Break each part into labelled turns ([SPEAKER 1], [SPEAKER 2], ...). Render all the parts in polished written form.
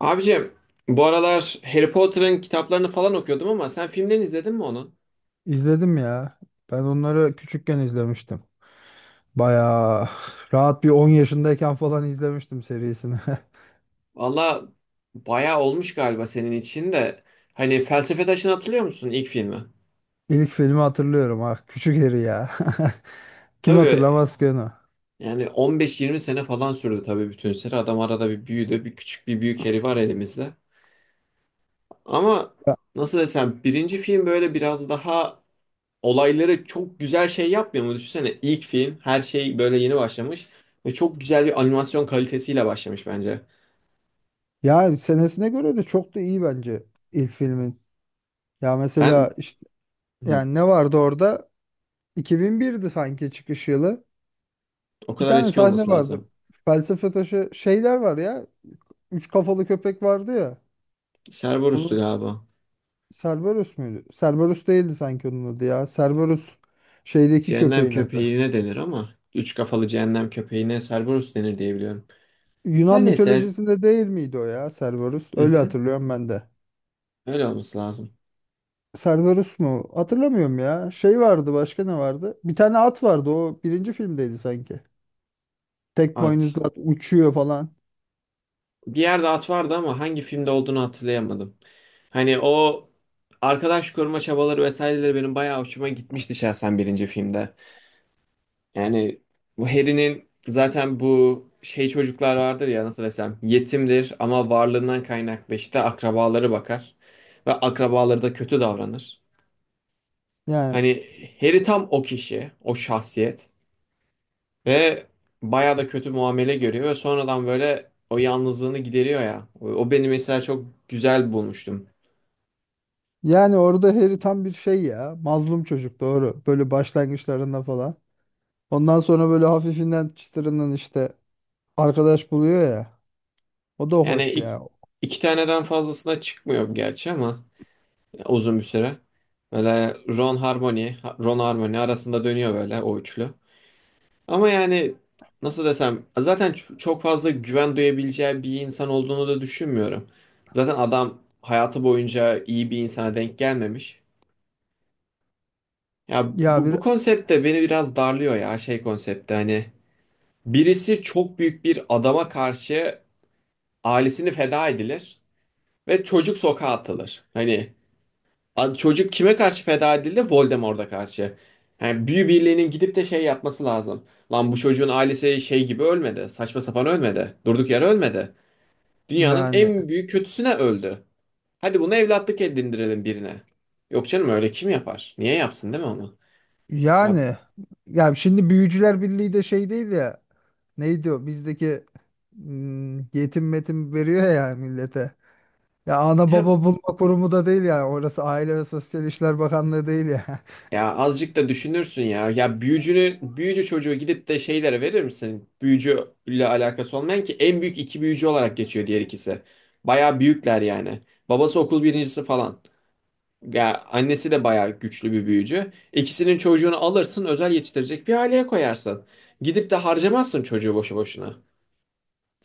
[SPEAKER 1] Abicim bu aralar Harry Potter'ın kitaplarını falan okuyordum ama sen filmlerini izledin mi onun?
[SPEAKER 2] İzledim ya. Ben onları küçükken izlemiştim. Bayağı rahat bir 10 yaşındayken falan izlemiştim serisini.
[SPEAKER 1] Valla bayağı olmuş galiba senin için de. Hani Felsefe Taşı'nı hatırlıyor musun ilk filmi?
[SPEAKER 2] İlk filmi hatırlıyorum, Ah Küçük Harry ya. Kim
[SPEAKER 1] Tabii
[SPEAKER 2] hatırlamaz ki onu?
[SPEAKER 1] yani 15-20 sene falan sürdü tabii bütün seri. Adam arada bir büyüdü. Bir küçük bir büyük Harry var elimizde. Ama
[SPEAKER 2] Ya,
[SPEAKER 1] nasıl desem birinci film böyle biraz daha olayları çok güzel şey yapmıyor mu? Düşünsene ilk film her şey böyle yeni başlamış. Ve çok güzel bir animasyon kalitesiyle başlamış bence.
[SPEAKER 2] ya, senesine göre de çok da iyi bence ilk filmin. Ya mesela
[SPEAKER 1] Ben
[SPEAKER 2] işte
[SPEAKER 1] Hı
[SPEAKER 2] yani ne vardı orada? 2001'di sanki çıkış yılı.
[SPEAKER 1] O
[SPEAKER 2] Bir
[SPEAKER 1] kadar
[SPEAKER 2] tane
[SPEAKER 1] eski
[SPEAKER 2] sahne
[SPEAKER 1] olması
[SPEAKER 2] vardı.
[SPEAKER 1] lazım.
[SPEAKER 2] Felsefe taşı şeyler var ya. Üç kafalı köpek vardı ya.
[SPEAKER 1] Cerberus'tu galiba.
[SPEAKER 2] Cerberus muydu? Cerberus değildi sanki onun adı ya. Cerberus şeydeki
[SPEAKER 1] Cehennem
[SPEAKER 2] köpeğin adı.
[SPEAKER 1] köpeğine denir ama üç kafalı cehennem köpeğine Cerberus denir diye biliyorum.
[SPEAKER 2] Yunan
[SPEAKER 1] Her neyse
[SPEAKER 2] mitolojisinde değil miydi o ya Cerberus?
[SPEAKER 1] hı
[SPEAKER 2] Öyle
[SPEAKER 1] hı,
[SPEAKER 2] hatırlıyorum ben de.
[SPEAKER 1] öyle olması lazım.
[SPEAKER 2] Cerberus mu? Hatırlamıyorum ya. Şey vardı, başka ne vardı? Bir tane at vardı, o birinci filmdeydi sanki. Tek
[SPEAKER 1] At.
[SPEAKER 2] boynuzlu at uçuyor falan.
[SPEAKER 1] Bir yerde at vardı ama hangi filmde olduğunu hatırlayamadım. Hani o arkadaş koruma çabaları vesaireleri benim bayağı hoşuma gitmişti şahsen birinci filmde. Yani bu Harry'nin zaten bu şey çocuklar vardır ya, nasıl desem, yetimdir ama varlığından kaynaklı işte akrabaları bakar ve akrabaları da kötü davranır.
[SPEAKER 2] Yani
[SPEAKER 1] Hani Harry tam o kişi, o şahsiyet ve bayağı da kötü muamele görüyor ve sonradan böyle o yalnızlığını gideriyor ya. O beni mesela çok güzel bulmuştum.
[SPEAKER 2] yani orada Harry tam bir şey ya. Mazlum çocuk, doğru. Böyle başlangıçlarında falan. Ondan sonra böyle hafifinden çıtırından işte arkadaş buluyor ya. O da
[SPEAKER 1] Yani
[SPEAKER 2] hoş
[SPEAKER 1] iki,
[SPEAKER 2] ya.
[SPEAKER 1] iki taneden fazlasına çıkmıyor gerçi ama uzun bir süre. Böyle Ron Harmony, Ron Harmony arasında dönüyor böyle o üçlü. Ama yani nasıl desem zaten çok fazla güven duyabileceği bir insan olduğunu da düşünmüyorum. Zaten adam hayatı boyunca iyi bir insana denk gelmemiş. Ya
[SPEAKER 2] Ya
[SPEAKER 1] bu,
[SPEAKER 2] bir
[SPEAKER 1] bu konsept de beni biraz darlıyor ya, şey konsepti hani birisi çok büyük bir adama karşı ailesini feda edilir ve çocuk sokağa atılır. Hani abi çocuk kime karşı feda edildi? Voldemort'a karşı. Yani büyü birliğinin gidip de şey yapması lazım. Lan bu çocuğun ailesi şey gibi ölmedi. Saçma sapan ölmedi. Durduk yere ölmedi. Dünyanın
[SPEAKER 2] Yani
[SPEAKER 1] en büyük kötüsüne öldü. Hadi bunu evlatlık edindirelim birine. Yok canım, öyle kim yapar? Niye yapsın, değil mi onu? Ya,
[SPEAKER 2] yani ya şimdi Büyücüler Birliği de şey değil ya, neydi o bizdeki, yetim metim veriyor ya millete. Ya ana
[SPEAKER 1] ya
[SPEAKER 2] baba bulma kurumu da değil ya orası, Aile ve Sosyal İşler Bakanlığı değil ya.
[SPEAKER 1] ya azıcık da düşünürsün ya. Ya büyücü çocuğu gidip de şeylere verir misin? Büyücüyle alakası olmayan, ki en büyük iki büyücü olarak geçiyor diğer ikisi. Bayağı büyükler yani. Babası okul birincisi falan. Ya annesi de bayağı güçlü bir büyücü. İkisinin çocuğunu alırsın, özel yetiştirecek bir aileye koyarsın. Gidip de harcamazsın çocuğu boşu boşuna.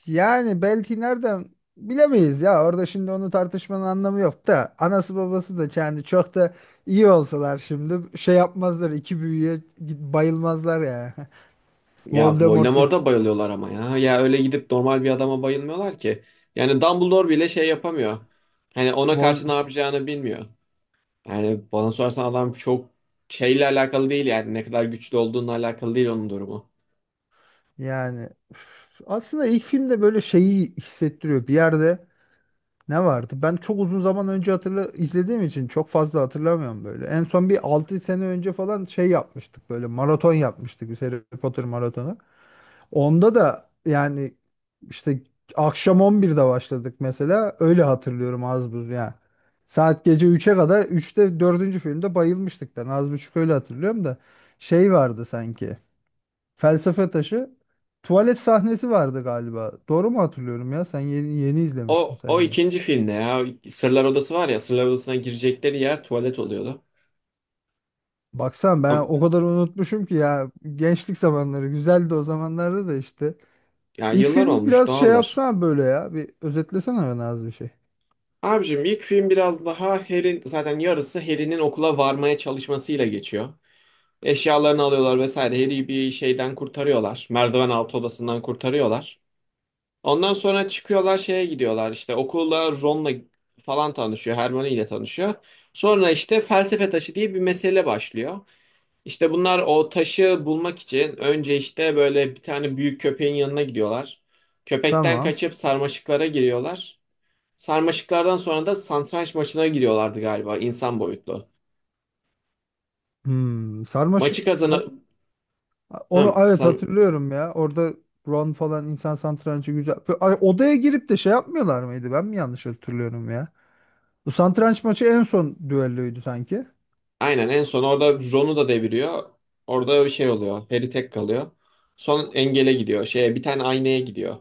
[SPEAKER 2] Yani belki nereden bilemeyiz ya, orada şimdi onu tartışmanın anlamı yok da anası babası da yani çok da iyi olsalar şimdi şey yapmazlar, iki büyüye bayılmazlar ya.
[SPEAKER 1] Ya
[SPEAKER 2] Voldemort.
[SPEAKER 1] Voldemort'a bayılıyorlar ama ya. Ya öyle gidip normal bir adama bayılmıyorlar ki. Yani Dumbledore bile şey yapamıyor. Hani ona
[SPEAKER 2] Vol
[SPEAKER 1] karşı ne yapacağını bilmiyor. Yani bana sorarsan adam çok şeyle alakalı değil, yani ne kadar güçlü olduğunla alakalı değil onun durumu.
[SPEAKER 2] Yani üf, aslında ilk filmde böyle şeyi hissettiriyor. Bir yerde ne vardı? Ben çok uzun zaman önce hatırla izlediğim için çok fazla hatırlamıyorum böyle. En son bir 6 sene önce falan şey yapmıştık, böyle maraton yapmıştık biz, Harry Potter maratonu. Onda da yani işte akşam 11'de başladık mesela. Öyle hatırlıyorum, az buz yani. Saat gece üçe kadar, üçte dördüncü filmde bayılmıştık ben, az buçuk öyle hatırlıyorum da şey vardı sanki. Felsefe Taşı. Tuvalet sahnesi vardı galiba. Doğru mu hatırlıyorum ya? Sen yeni, yeni izlemiştin
[SPEAKER 1] O
[SPEAKER 2] sanki.
[SPEAKER 1] ikinci filmde ya Sırlar Odası var ya, Sırlar Odası'na girecekleri yer tuvalet oluyordu.
[SPEAKER 2] Baksan ben
[SPEAKER 1] Am-
[SPEAKER 2] o kadar unutmuşum ki ya. Gençlik zamanları güzeldi, o zamanlarda da işte.
[SPEAKER 1] Ya
[SPEAKER 2] İlk
[SPEAKER 1] yıllar
[SPEAKER 2] film
[SPEAKER 1] olmuş,
[SPEAKER 2] biraz şey
[SPEAKER 1] doğaldır.
[SPEAKER 2] yapsana böyle ya. Bir özetlesene bana az bir şey.
[SPEAKER 1] Abicim ilk film biraz daha Harry'in, zaten yarısı Harry'nin okula varmaya çalışmasıyla geçiyor. Eşyalarını alıyorlar vesaire. Harry'i bir şeyden kurtarıyorlar. Merdiven altı odasından kurtarıyorlar. Ondan sonra çıkıyorlar şeye gidiyorlar işte okula, Ron'la falan tanışıyor, Hermione ile tanışıyor. Sonra işte felsefe taşı diye bir mesele başlıyor. İşte bunlar o taşı bulmak için önce işte böyle bir tane büyük köpeğin yanına gidiyorlar. Köpekten
[SPEAKER 2] Tamam.
[SPEAKER 1] kaçıp sarmaşıklara giriyorlar. Sarmaşıklardan sonra da satranç maçına giriyorlardı galiba, insan boyutlu.
[SPEAKER 2] Sarmaşık.
[SPEAKER 1] Maçı kazanı...
[SPEAKER 2] Onu
[SPEAKER 1] Hı,
[SPEAKER 2] evet
[SPEAKER 1] sar-
[SPEAKER 2] hatırlıyorum ya. Orada Ron falan, insan satrancı güzel. Ay, odaya girip de şey yapmıyorlar mıydı? Ben mi yanlış hatırlıyorum ya? Bu satranç maçı en son düelloydu sanki.
[SPEAKER 1] Aynen, en son orada Jon'u da deviriyor. Orada bir şey oluyor. Harry tek kalıyor. Son engele gidiyor. Şeye bir tane aynaya gidiyor.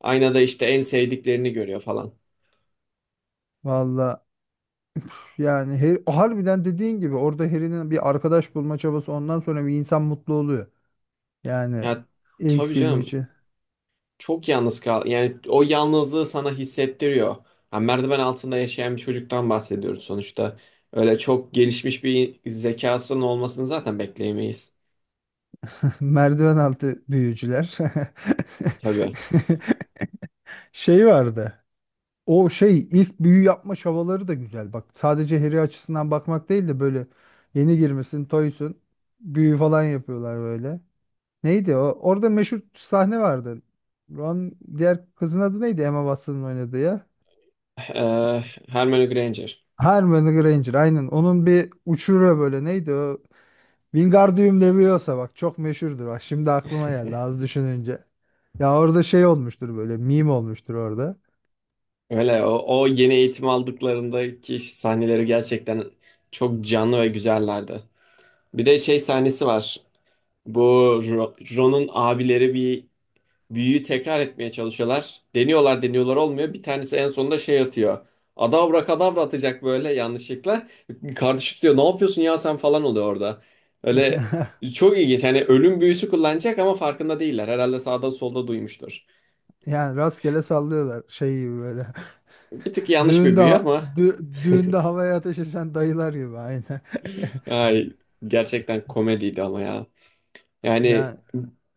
[SPEAKER 1] Aynada işte en sevdiklerini görüyor falan.
[SPEAKER 2] Valla yani, harbiden dediğin gibi orada Harry'nin bir arkadaş bulma çabası, ondan sonra bir insan mutlu oluyor. Yani
[SPEAKER 1] Ya
[SPEAKER 2] ilk
[SPEAKER 1] tabii
[SPEAKER 2] film
[SPEAKER 1] canım,
[SPEAKER 2] için
[SPEAKER 1] çok yalnız kal. Yani o yalnızlığı sana hissettiriyor. Ha, merdiven altında yaşayan bir çocuktan bahsediyoruz sonuçta. Öyle çok gelişmiş bir zekasının olmasını zaten bekleyemeyiz.
[SPEAKER 2] merdiven altı büyücüler.
[SPEAKER 1] Tabii.
[SPEAKER 2] Şey vardı. O şey ilk büyü yapma çabaları da güzel. Bak, sadece Harry açısından bakmak değil de böyle, yeni girmesin, toysun. Büyü falan yapıyorlar böyle. Neydi o? Orada meşhur sahne vardı. Ron Diğer kızın adı neydi? Emma Watson'ın oynadığı ya.
[SPEAKER 1] Ee, Hermione Granger.
[SPEAKER 2] Hermione Granger, aynen. Onun bir uçuruyor böyle, neydi o? Wingardium Leviosa, bak çok meşhurdur. Bak şimdi aklıma geldi az düşününce. Ya orada şey olmuştur böyle, meme olmuştur orada.
[SPEAKER 1] Öyle o yeni eğitim aldıklarındaki sahneleri gerçekten çok canlı ve güzellerdi. Bir de şey sahnesi var. Bu Ron'un abileri bir büyüyü tekrar etmeye çalışıyorlar. Deniyorlar deniyorlar olmuyor. Bir tanesi en sonunda şey atıyor. Adavra kadavra atacak böyle yanlışlıkla. Kardeşi diyor ne yapıyorsun ya sen falan oluyor orada. Öyle çok ilginç. Hani ölüm büyüsü kullanacak ama farkında değiller. Herhalde sağda solda duymuştur.
[SPEAKER 2] Yani rastgele sallıyorlar şey gibi böyle.
[SPEAKER 1] Bir tık yanlış bir
[SPEAKER 2] Düğünde
[SPEAKER 1] büyü
[SPEAKER 2] ha-
[SPEAKER 1] ama
[SPEAKER 2] düğünde havaya ateş eden dayılar gibi, aynen.
[SPEAKER 1] ay, gerçekten komediydi ama ya. Yani
[SPEAKER 2] Yani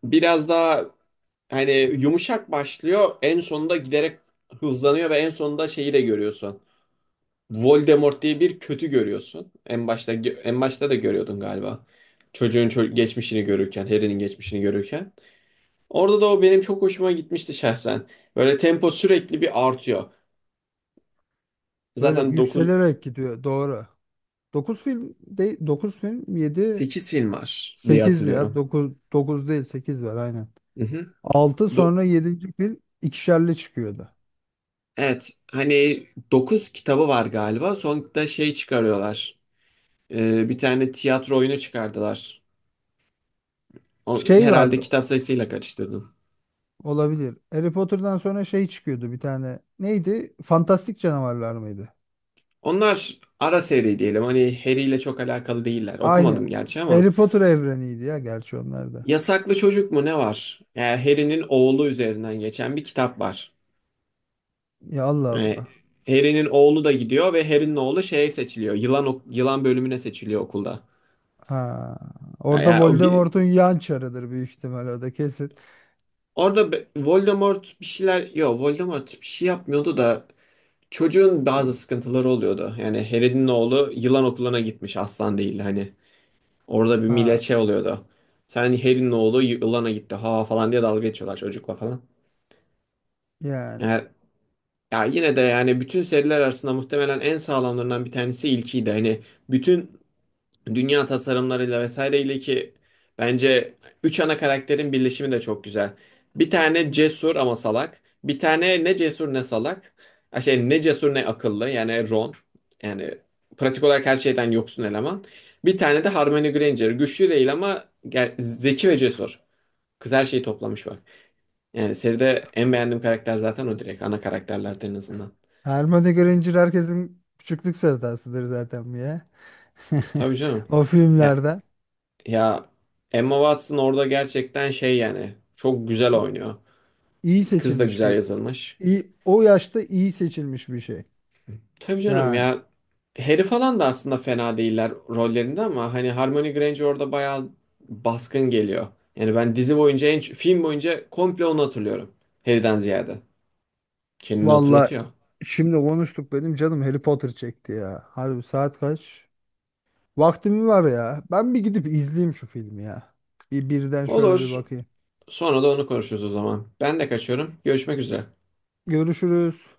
[SPEAKER 1] biraz daha hani yumuşak başlıyor. En sonunda giderek hızlanıyor ve en sonunda şeyi de görüyorsun. Voldemort diye bir kötü görüyorsun. En başta da görüyordun galiba. Geçmişini görürken, Harry'nin geçmişini görürken. Orada da o benim çok hoşuma gitmişti şahsen. Böyle tempo sürekli bir artıyor.
[SPEAKER 2] böyle
[SPEAKER 1] Zaten
[SPEAKER 2] yükselerek gidiyor, doğru. 9 film de, 9 film 7
[SPEAKER 1] 8 film var diye
[SPEAKER 2] 8 ya,
[SPEAKER 1] hatırlıyorum.
[SPEAKER 2] dokuz, 9 değil 8 var, aynen.
[SPEAKER 1] Hı hı.
[SPEAKER 2] Altı,
[SPEAKER 1] Do-
[SPEAKER 2] sonra yedinci film ikişerli çıkıyordu.
[SPEAKER 1] evet, hani 9 kitabı var galiba. Sonunda şey çıkarıyorlar. Bir tane tiyatro oyunu çıkardılar.
[SPEAKER 2] Şey
[SPEAKER 1] Herhalde
[SPEAKER 2] vardı,
[SPEAKER 1] kitap sayısıyla karıştırdım.
[SPEAKER 2] olabilir. Harry Potter'dan sonra şey çıkıyordu bir tane. Neydi? Fantastik Canavarlar mıydı?
[SPEAKER 1] Onlar ara seri diyelim. Hani Harry ile çok alakalı değiller.
[SPEAKER 2] Aynı.
[SPEAKER 1] Okumadım gerçi ama.
[SPEAKER 2] Harry Potter evreniydi ya gerçi onlar da.
[SPEAKER 1] Yasaklı Çocuk mu ne var? Yani Harry'nin oğlu üzerinden geçen bir kitap var.
[SPEAKER 2] Ya Allah
[SPEAKER 1] Yani
[SPEAKER 2] Allah.
[SPEAKER 1] Harry'nin oğlu da gidiyor ve Harry'nin oğlu şeye seçiliyor. Yılan bölümüne seçiliyor okulda.
[SPEAKER 2] Ha. Orada
[SPEAKER 1] Yani o bir
[SPEAKER 2] Voldemort'un yan çarıdır büyük ihtimal o da, kesin.
[SPEAKER 1] orada Voldemort bir şeyler yok, Voldemort bir şey yapmıyordu da çocuğun bazı sıkıntıları oluyordu. Yani Harry'nin oğlu yılan okuluna gitmiş, aslan değil hani. Orada bir millet
[SPEAKER 2] Ha,
[SPEAKER 1] şey oluyordu. Sen Harry'nin oğlu yılana gitti ha falan diye dalga geçiyorlar çocukla falan.
[SPEAKER 2] yani.
[SPEAKER 1] Yani, ya yine de yani bütün seriler arasında muhtemelen en sağlamlarından bir tanesi ilkiydi. Hani bütün dünya tasarımlarıyla vesaireyle, ki bence üç ana karakterin birleşimi de çok güzel. Bir tane cesur ama salak. Bir tane ne cesur ne salak. Ha, şey, ne cesur ne akıllı, yani Ron. Yani pratik olarak her şeyden yoksun eleman. Bir tane de Hermione Granger. Güçlü değil ama zeki ve cesur. Kız her şeyi toplamış bak. Yani seride en beğendiğim karakter zaten o direkt. Ana karakterlerden en azından.
[SPEAKER 2] Hermione Granger herkesin küçüklük sevdasıdır zaten bu ya.
[SPEAKER 1] Tabii canım.
[SPEAKER 2] O filmlerden
[SPEAKER 1] Ya Emma Watson orada gerçekten şey, yani çok güzel
[SPEAKER 2] i-
[SPEAKER 1] oynuyor.
[SPEAKER 2] iyi
[SPEAKER 1] Kız da
[SPEAKER 2] seçilmiş
[SPEAKER 1] güzel
[SPEAKER 2] bir,
[SPEAKER 1] yazılmış.
[SPEAKER 2] iyi, o yaşta iyi seçilmiş bir şey.
[SPEAKER 1] Tabii canım
[SPEAKER 2] Yani
[SPEAKER 1] ya, Harry falan da aslında fena değiller rollerinde ama hani Hermione Granger orada bayağı baskın geliyor. Yani ben dizi boyunca, en film boyunca komple onu hatırlıyorum. Harry'den ziyade. Kendini
[SPEAKER 2] valla,
[SPEAKER 1] hatırlatıyor.
[SPEAKER 2] şimdi konuştuk benim canım Harry Potter çekti ya. Harbi saat kaç? Vaktim var ya. Ben bir gidip izleyeyim şu filmi ya. Bir birden şöyle bir
[SPEAKER 1] Olur.
[SPEAKER 2] bakayım.
[SPEAKER 1] Sonra da onu konuşuruz o zaman. Ben de kaçıyorum. Görüşmek üzere.
[SPEAKER 2] Görüşürüz.